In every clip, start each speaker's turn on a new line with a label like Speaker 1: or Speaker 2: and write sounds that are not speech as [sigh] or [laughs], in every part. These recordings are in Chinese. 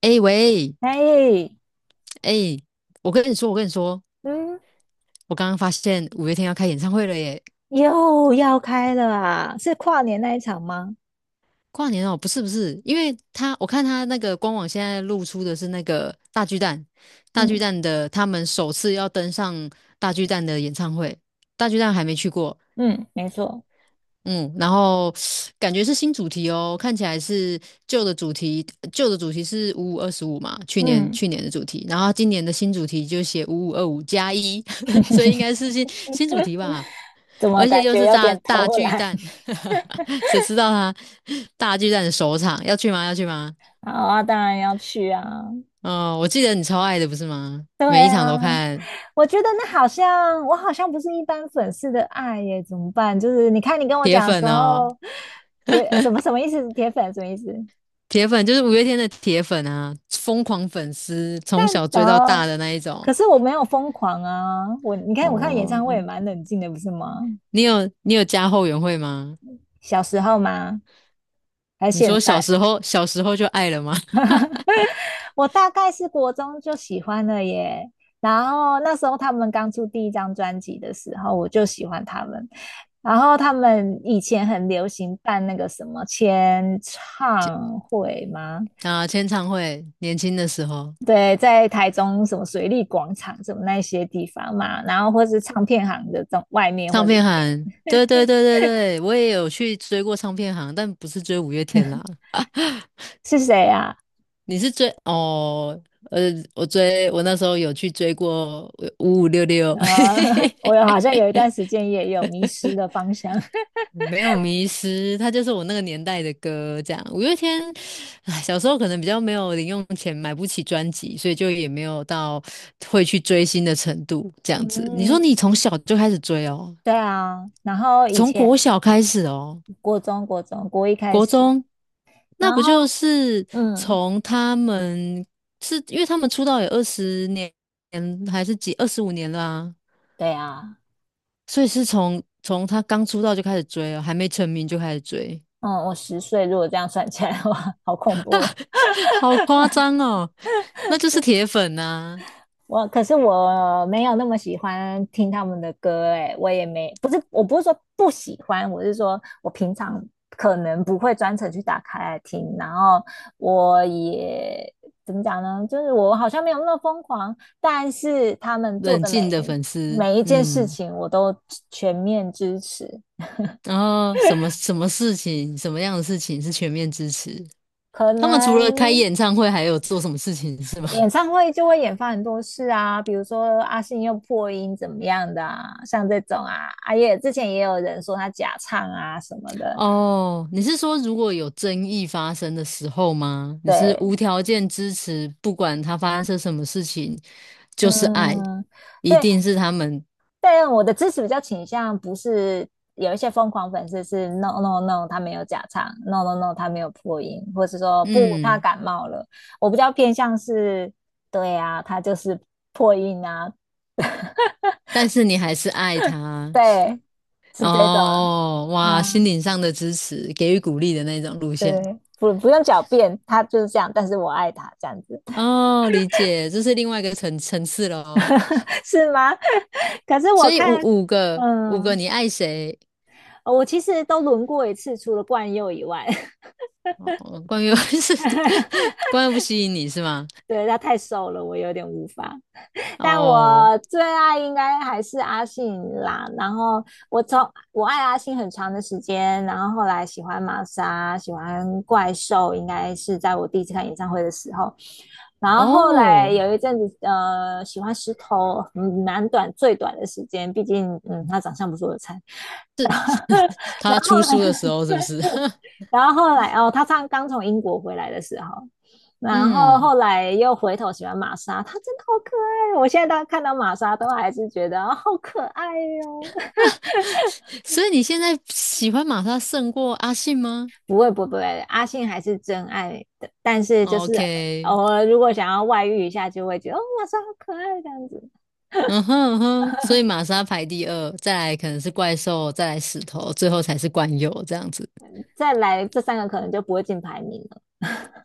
Speaker 1: 哎、喂，
Speaker 2: 哎，
Speaker 1: 哎、我跟你说，
Speaker 2: 嗯
Speaker 1: 我刚刚发现五月天要开演唱会了耶！
Speaker 2: 又要开了啊！是跨年那一场吗？
Speaker 1: 跨年哦，不是不是，因为他我看他那个官网现在露出的是那个大巨蛋，大巨
Speaker 2: 嗯
Speaker 1: 蛋的他们首次要登上大巨蛋的演唱会，大巨蛋还没去过，
Speaker 2: 嗯，没错，
Speaker 1: 嗯，然后感觉是新主题哦，看起来是旧的主题，旧的主题是五五二十五嘛，去年
Speaker 2: 嗯，
Speaker 1: 去年的主题，然后今年的新主题就写五五二五加一，[laughs] 所以应该是新新
Speaker 2: [laughs]
Speaker 1: 主题吧。
Speaker 2: 怎么
Speaker 1: 而且
Speaker 2: 感
Speaker 1: 又
Speaker 2: 觉
Speaker 1: 是
Speaker 2: 有
Speaker 1: 大
Speaker 2: 点
Speaker 1: 大
Speaker 2: 偷
Speaker 1: 巨
Speaker 2: 懒？
Speaker 1: 蛋，[laughs] 谁知道他大巨蛋的首场要去吗？要去吗？
Speaker 2: [laughs] 好啊，当然要去啊。
Speaker 1: 哦，我记得你超爱的不是吗？每一场都看，
Speaker 2: 我觉得那好像我好像不是一般粉丝的爱耶，怎么办？就是你看你跟我
Speaker 1: 铁
Speaker 2: 讲的时
Speaker 1: 粉哦，
Speaker 2: 候，什么什么意思？铁粉什么意思？
Speaker 1: 铁粉就是五月天的铁粉啊，疯狂粉丝，从
Speaker 2: 但
Speaker 1: 小追到
Speaker 2: 哦，
Speaker 1: 大的那一种。
Speaker 2: 可是我没有疯狂啊！我看演唱
Speaker 1: 哦，
Speaker 2: 会也蛮冷静的，不是吗？
Speaker 1: 你有你有加后援会吗？
Speaker 2: 小时候吗？还是
Speaker 1: 你
Speaker 2: 现
Speaker 1: 说小
Speaker 2: 在？
Speaker 1: 时候就爱了吗？[laughs]
Speaker 2: [laughs] 我大概是国中就喜欢了耶。然后那时候他们刚出第一张专辑的时候，我就喜欢他们。然后他们以前很流行办那个什么签唱会吗？
Speaker 1: 啊，签唱会，年轻的时候，
Speaker 2: 对，在台中什么水利广场什么那些地方嘛，然后或是唱片行的外面或
Speaker 1: 唱片
Speaker 2: 里
Speaker 1: 行，
Speaker 2: 面，
Speaker 1: 对对对对对，我也有去追过唱片行，但不是追五月天啦，
Speaker 2: [laughs] 是谁啊？
Speaker 1: 你是追哦，呃，我追我那时候有去追过五五六六，[laughs]
Speaker 2: [laughs] 我有好像有一段时间也有迷失的方向。[laughs]
Speaker 1: 没有迷失，它就是我那个年代的歌。这样，五月天，唉，小时候可能比较没有零用钱，买不起专辑，所以就也没有到会去追星的程度。这样子，你说
Speaker 2: 嗯，
Speaker 1: 你从小就开始追哦，
Speaker 2: 对啊。然后以
Speaker 1: 从
Speaker 2: 前
Speaker 1: 国小开始哦，
Speaker 2: 国中国一开
Speaker 1: 国
Speaker 2: 始，
Speaker 1: 中，那
Speaker 2: 然
Speaker 1: 不
Speaker 2: 后
Speaker 1: 就是
Speaker 2: 嗯，
Speaker 1: 从他们是因为他们出道有20年还是几25年啦、
Speaker 2: 对啊，
Speaker 1: 所以是从他刚出道就开始追哦，还没成名就开始追，
Speaker 2: 嗯，我10岁，如果这样算起来的话，[laughs] 好恐怖哦。
Speaker 1: [laughs] 好夸张哦，那就是
Speaker 2: 对，
Speaker 1: 铁粉呐、
Speaker 2: [laughs] 我可是我没有那么喜欢听他们的歌，哎，我也没，不是，我不是说不喜欢，我是说我平常可能不会专程去打开来听，然后我也怎么讲呢？就是我好像没有那么疯狂，但是他们做
Speaker 1: 冷
Speaker 2: 的
Speaker 1: 静的粉丝，
Speaker 2: 每一件事
Speaker 1: 嗯，
Speaker 2: 情我都全面支持，
Speaker 1: 然后什么事情，什么样的事情是全面支持？
Speaker 2: 可
Speaker 1: 他们除了开
Speaker 2: 能
Speaker 1: 演唱会，还有做什么事情是吗？[laughs]
Speaker 2: 演唱会就会演发很多事啊，比如说阿信又破音怎么样的啊，像这种啊，阿也之前也有人说他假唱啊什么的，
Speaker 1: 哦，你是说如果有争议发生的时候吗？你是
Speaker 2: 对，
Speaker 1: 无条件支持，不管他发生什么事情，就是爱，
Speaker 2: 嗯，
Speaker 1: 一
Speaker 2: 对，
Speaker 1: 定是他们，
Speaker 2: 但我的支持比较倾向不是有一些疯狂粉丝是 no no no 他没有假唱，no no no 他没有破音，或是说不他
Speaker 1: 嗯。
Speaker 2: 感冒了，我比较偏向是，对啊，他就是破音啊，
Speaker 1: 但是你还是爱他
Speaker 2: 对，是这种
Speaker 1: 哦，哇，
Speaker 2: 啊，
Speaker 1: 心
Speaker 2: 嗯
Speaker 1: 灵上的支持，给予鼓励的那种路线
Speaker 2: 对，不用狡辩，他就是这样，但是我爱他这样子，
Speaker 1: 哦，理解，这是另外一个层次了哦。
Speaker 2: [laughs] 是吗？[laughs] 可是
Speaker 1: 所
Speaker 2: 我
Speaker 1: 以五
Speaker 2: 看，
Speaker 1: 个，
Speaker 2: 嗯，
Speaker 1: 你爱谁？
Speaker 2: 我其实都轮过一次，除了冠佑以外，
Speaker 1: 哦，关于 [laughs] 是
Speaker 2: [laughs]
Speaker 1: 关于不吸引你是吗？
Speaker 2: 对他太瘦了，我有点无法。但
Speaker 1: 哦
Speaker 2: 我最爱应该还是阿信啦。然后我从我爱阿信很长的时间，然后后来喜欢玛莎，喜欢怪兽，应该是在我第一次看演唱会的时候。然后后来
Speaker 1: 哦，
Speaker 2: 有一阵子，呃，喜欢石头，嗯，蛮短最短的时间，毕竟，嗯，他长相不是我的菜。[laughs]
Speaker 1: 他出书的时候是不是？[laughs]
Speaker 2: 然后后来哦，他唱刚从英国回来的时候，然后
Speaker 1: 嗯，
Speaker 2: 后来又回头喜欢玛莎，他真的好可爱哦。我现在到看到玛莎都还是觉得哦好可爱哦。[laughs]
Speaker 1: 所以你现在喜欢玛莎胜过阿信吗
Speaker 2: 不会阿信还是真爱的，但是就是
Speaker 1: ？OK，
Speaker 2: 偶尔如果想要外遇一下，就会觉得哦玛莎好可爱这样子。
Speaker 1: 嗯哼嗯哼，所以
Speaker 2: [laughs]
Speaker 1: 玛莎排第二，再来可能是怪兽，再来石头，最后才是冠佑这样子。
Speaker 2: 再来这三个可能就不会进排名了。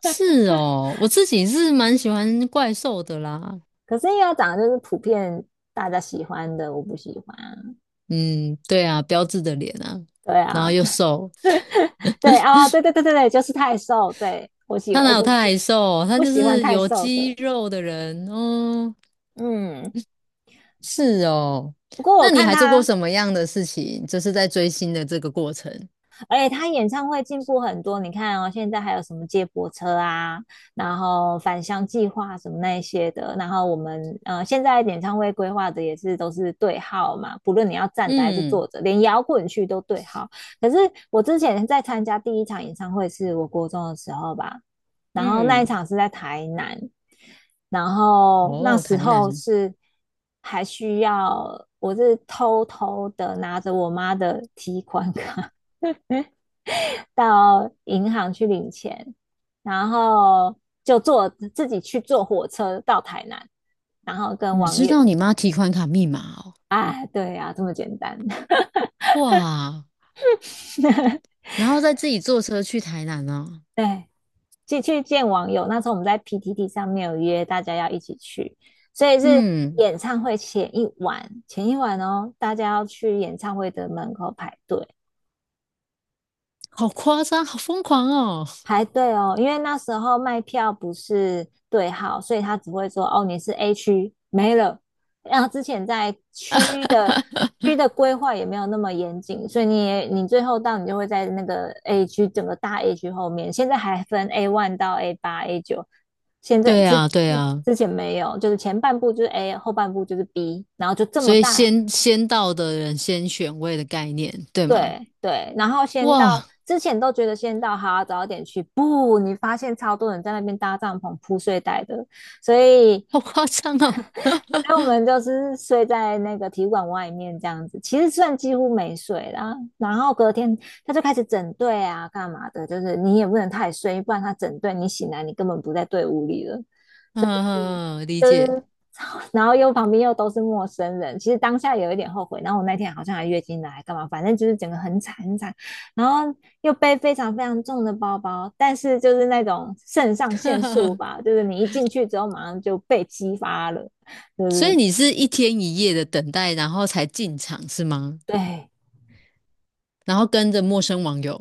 Speaker 1: 是 哦，我自己是蛮喜欢怪兽的啦。
Speaker 2: 可是因为要讲的就是普遍大家喜欢的，我不喜欢啊。
Speaker 1: 嗯，对啊，标志的脸啊，
Speaker 2: 对
Speaker 1: 然后
Speaker 2: 啊，
Speaker 1: 又瘦，
Speaker 2: [laughs] 对啊，对对对对对，就是太瘦。对我喜
Speaker 1: 他哪
Speaker 2: 我
Speaker 1: 有
Speaker 2: 不
Speaker 1: 太瘦？他
Speaker 2: 不
Speaker 1: 就
Speaker 2: 喜欢
Speaker 1: 是
Speaker 2: 太
Speaker 1: 有
Speaker 2: 瘦
Speaker 1: 肌
Speaker 2: 的。
Speaker 1: 肉的人哦。
Speaker 2: 嗯，
Speaker 1: 是哦，
Speaker 2: 不过我
Speaker 1: 那你
Speaker 2: 看
Speaker 1: 还做过
Speaker 2: 他
Speaker 1: 什么样的事情？就是在追星的这个过程。
Speaker 2: 而且他演唱会进步很多，你看哦，现在还有什么接驳车啊，然后返乡计划什么那一些的，然后我们现在演唱会规划的也是都是对号嘛，不论你要站着还是坐
Speaker 1: 嗯
Speaker 2: 着，连摇滚区都对号。可是我之前在参加第一场演唱会是我国中的时候吧，然后那一
Speaker 1: 嗯，
Speaker 2: 场是在台南，然后那
Speaker 1: 哦，
Speaker 2: 时
Speaker 1: 台
Speaker 2: 候
Speaker 1: 南，
Speaker 2: 是还需要。我是偷偷的拿着我妈的提款卡到银行去领钱，然后自己去坐火车到台南，然后跟
Speaker 1: 你
Speaker 2: 网
Speaker 1: 知
Speaker 2: 友，
Speaker 1: 道你妈提款卡密码哦？
Speaker 2: 啊，对啊，这么简单，
Speaker 1: 哇！然后再自己坐车去台南啊。
Speaker 2: [laughs] 对，去见网友。那时候我们在 PTT 上面有约大家要一起去，所以是
Speaker 1: 嗯，
Speaker 2: 演唱会前一晚，前一晚哦，大家要去演唱会的门口排队，
Speaker 1: 好夸张，好疯狂哦。
Speaker 2: 排队哦，因为那时候卖票不是对号，所以他只会说哦，你是 A 区没了。然后之前在区的规划也没有那么严谨，所以你也你最后到你就会在那个 A 区整个大 A 区后面。现在还分 A one 到 A 八、A 九，现在
Speaker 1: 对啊，对啊，
Speaker 2: 之前没有，就是前半部就是 A，后半部就是 B，然后就这
Speaker 1: 所
Speaker 2: 么
Speaker 1: 以
Speaker 2: 大
Speaker 1: 先到的人先选位的概念，对吗？
Speaker 2: 对对，然后先到
Speaker 1: 哇，
Speaker 2: 之前都觉得先到好，早点去，不，你发现超多人在那边搭帐篷铺睡袋的，所以
Speaker 1: 好夸张哦。
Speaker 2: 所以我们就是睡在那个体育馆外面这样子，其实算几乎没睡啦。然后隔天他就开始整队啊，干嘛的，就是你也不能太睡，不然他整队你醒来你根本不在队伍里了。
Speaker 1: 嗯，嗯嗯嗯理
Speaker 2: 就
Speaker 1: 解。
Speaker 2: 是然后又旁边又都是陌生人，其实当下有一点后悔。然后我那天好像还月经来，干嘛？反正就是整个很惨很惨，然后又背非常非常重的包包，但是就是那种肾上腺素
Speaker 1: [laughs]
Speaker 2: 吧，就是你一进去之后马上就被激发了，就
Speaker 1: 所以
Speaker 2: 是
Speaker 1: 你是一天一夜的等待，然后才进场是吗？
Speaker 2: 对。
Speaker 1: 然后跟着陌生网友。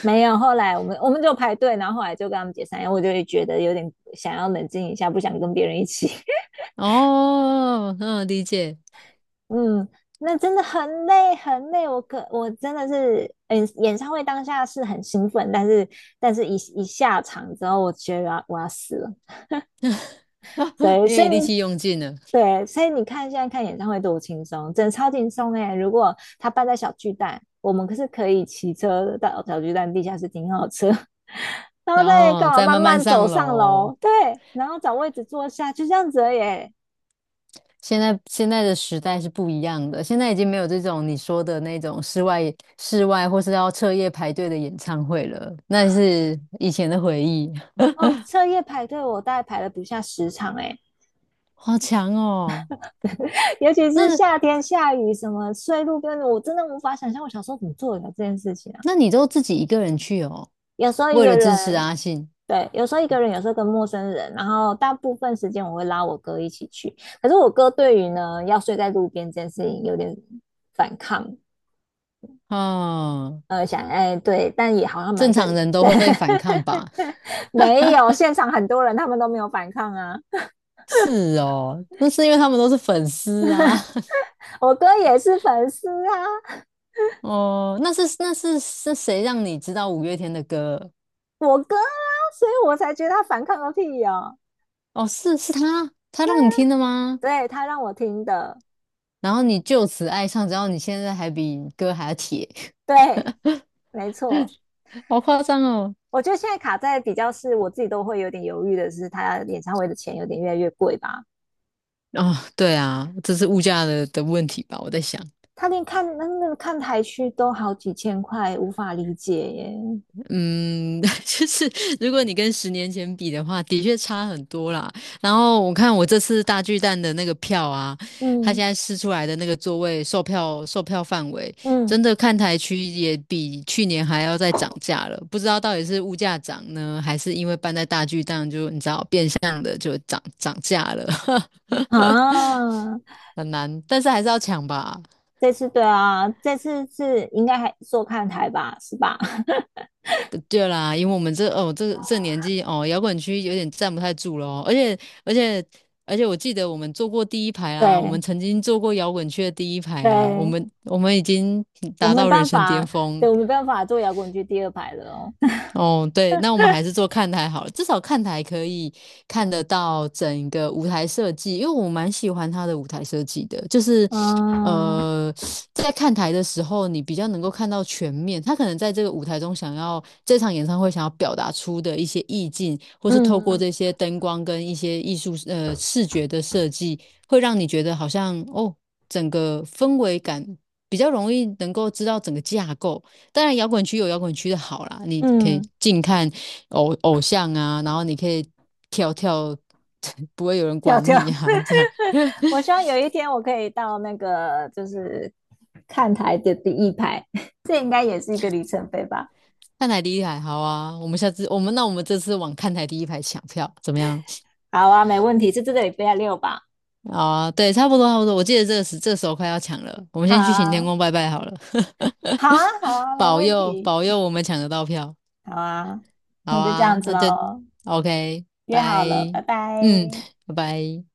Speaker 2: 没有，后来我们就排队，然后后来就跟他们解散，因为我就会觉得有点想要冷静一下，不想跟别人一起。
Speaker 1: 哦，嗯，理解。
Speaker 2: 嗯，那真的很累很累，我可我真的是，嗯，演唱会当下是很兴奋，但是一下场之后，我觉得我要死了，所
Speaker 1: [laughs]
Speaker 2: 以
Speaker 1: 因
Speaker 2: 所以
Speaker 1: 为力气用尽了，
Speaker 2: 对，所以你看现在看演唱会多轻松，真的超轻松哎！如果他办在小巨蛋，我们可是可以骑车到小巨蛋地下室停好车，[laughs] 然后
Speaker 1: 然
Speaker 2: 再干
Speaker 1: 后
Speaker 2: 嘛
Speaker 1: 再
Speaker 2: 慢
Speaker 1: 慢慢
Speaker 2: 慢走
Speaker 1: 上
Speaker 2: 上
Speaker 1: 楼。
Speaker 2: 楼，对，然后找位置坐下，就这样子耶。
Speaker 1: 现在的时代是不一样的，现在已经没有这种你说的那种室外或是要彻夜排队的演唱会了，那是以前的回忆，
Speaker 2: 哦，彻夜排队，我大概排了不下10场哎、
Speaker 1: [laughs] 好强哦！
Speaker 2: 尤其是
Speaker 1: 那
Speaker 2: 夏天下雨，什么睡路边我真的无法想象我小时候怎么做的这件事情啊！
Speaker 1: 你都自己一个人去哦，
Speaker 2: 有时候一
Speaker 1: 为
Speaker 2: 个
Speaker 1: 了支持
Speaker 2: 人，
Speaker 1: 阿信，
Speaker 2: 对，有时候一个人，有时候跟陌生人，然后大部分时间我会拉我哥一起去。可是我哥对于要睡在路边这件事情有点反抗，
Speaker 1: 哦，
Speaker 2: 想哎对，但也好像蛮
Speaker 1: 正
Speaker 2: 正，
Speaker 1: 常人都
Speaker 2: 对，
Speaker 1: 会反抗吧？
Speaker 2: [laughs] 没有现场很多人他们都没有反抗啊，
Speaker 1: 是哦，那是因为他们都是粉丝啊。[laughs]
Speaker 2: 我哥也是粉丝啊，
Speaker 1: 哦，那是是谁让你知道五月天的歌？
Speaker 2: 我哥啊，所以我才觉得他反抗个屁哦，
Speaker 1: 哦，是他，他让你听的吗？
Speaker 2: 对他让我听的。
Speaker 1: 然后你就此爱上，然后你现在还比哥还要铁，
Speaker 2: 对，没错。
Speaker 1: [laughs] 好夸张哦！
Speaker 2: 我觉得现在卡在比较是我自己都会有点犹豫的是，他演唱会的钱有点越来越贵吧？
Speaker 1: 哦，对啊，这是物价的问题吧？我在想，
Speaker 2: 他连看那个看台区都好几千块，无法理解耶。
Speaker 1: 嗯，[laughs] 就是如果你跟10年前比的话，的确差很多啦。然后我看我这次大巨蛋的那个票啊，它
Speaker 2: 嗯
Speaker 1: 现在试出来的那个座位售票范围，
Speaker 2: 嗯
Speaker 1: 真的看台区也比去年还要再涨价了。不知道到底是物价涨呢，还是因为搬在大巨蛋就你知道变相的就涨价了，
Speaker 2: 啊，
Speaker 1: [laughs] 很难，但是还是要抢吧。
Speaker 2: 这次对啊，这次是应该还做看台吧，是吧？[laughs]
Speaker 1: 对对啦，因为我们这哦这年纪哦，摇滚区有点站不太住了哦，而且而且我记得我们坐过第一排啊，我们
Speaker 2: 对
Speaker 1: 曾经坐过摇滚区的第一排啊，我
Speaker 2: 对，
Speaker 1: 们我们已经
Speaker 2: 我
Speaker 1: 达
Speaker 2: 没
Speaker 1: 到人
Speaker 2: 办
Speaker 1: 生巅
Speaker 2: 法，
Speaker 1: 峰。
Speaker 2: 对我没办法做摇滚区第二排了哦。
Speaker 1: 哦，对，那我们还是做看台好了，至少看台可以看得到整个舞台设计，因为我蛮喜欢他的舞台设计的，就是
Speaker 2: [laughs] 嗯
Speaker 1: 呃，在看台的时候，你比较能够看到全面，他可能在这个舞台中想要这场演唱会想要表达出的一些意境，或是透过
Speaker 2: 嗯
Speaker 1: 这些灯光跟一些艺术视觉的设计，会让你觉得好像哦，整个氛围感比较容易能够知道整个架构。当然，摇滚区有摇滚区的好啦，你可以
Speaker 2: 嗯，
Speaker 1: 近看偶像啊，然后你可以跳跳，[laughs] 不会有人
Speaker 2: 跳
Speaker 1: 管
Speaker 2: 跳。
Speaker 1: 你啊，这样。[laughs]
Speaker 2: 我希望有一天我可以到那个就是看台的第一排，[laughs] 这应该也是一个里程碑吧？
Speaker 1: 看台第一排好啊，我们下次我们那我们这次往看台第一排抢票怎么样？
Speaker 2: 好啊，没问题，是这个礼拜六吧？
Speaker 1: 好啊，对，差不多，我记得这个这时候快要抢了，我们
Speaker 2: 好
Speaker 1: 先去行天
Speaker 2: 啊，
Speaker 1: 宫拜拜好了，
Speaker 2: 好啊，好啊，
Speaker 1: [laughs]
Speaker 2: 没
Speaker 1: 保
Speaker 2: 问
Speaker 1: 佑
Speaker 2: 题，
Speaker 1: 保佑我们抢得到票。
Speaker 2: 好啊，
Speaker 1: 好
Speaker 2: 那就这
Speaker 1: 啊，
Speaker 2: 样子
Speaker 1: 那就
Speaker 2: 喽，
Speaker 1: OK，
Speaker 2: 约
Speaker 1: 拜，
Speaker 2: 好了，拜拜。
Speaker 1: 嗯，拜拜。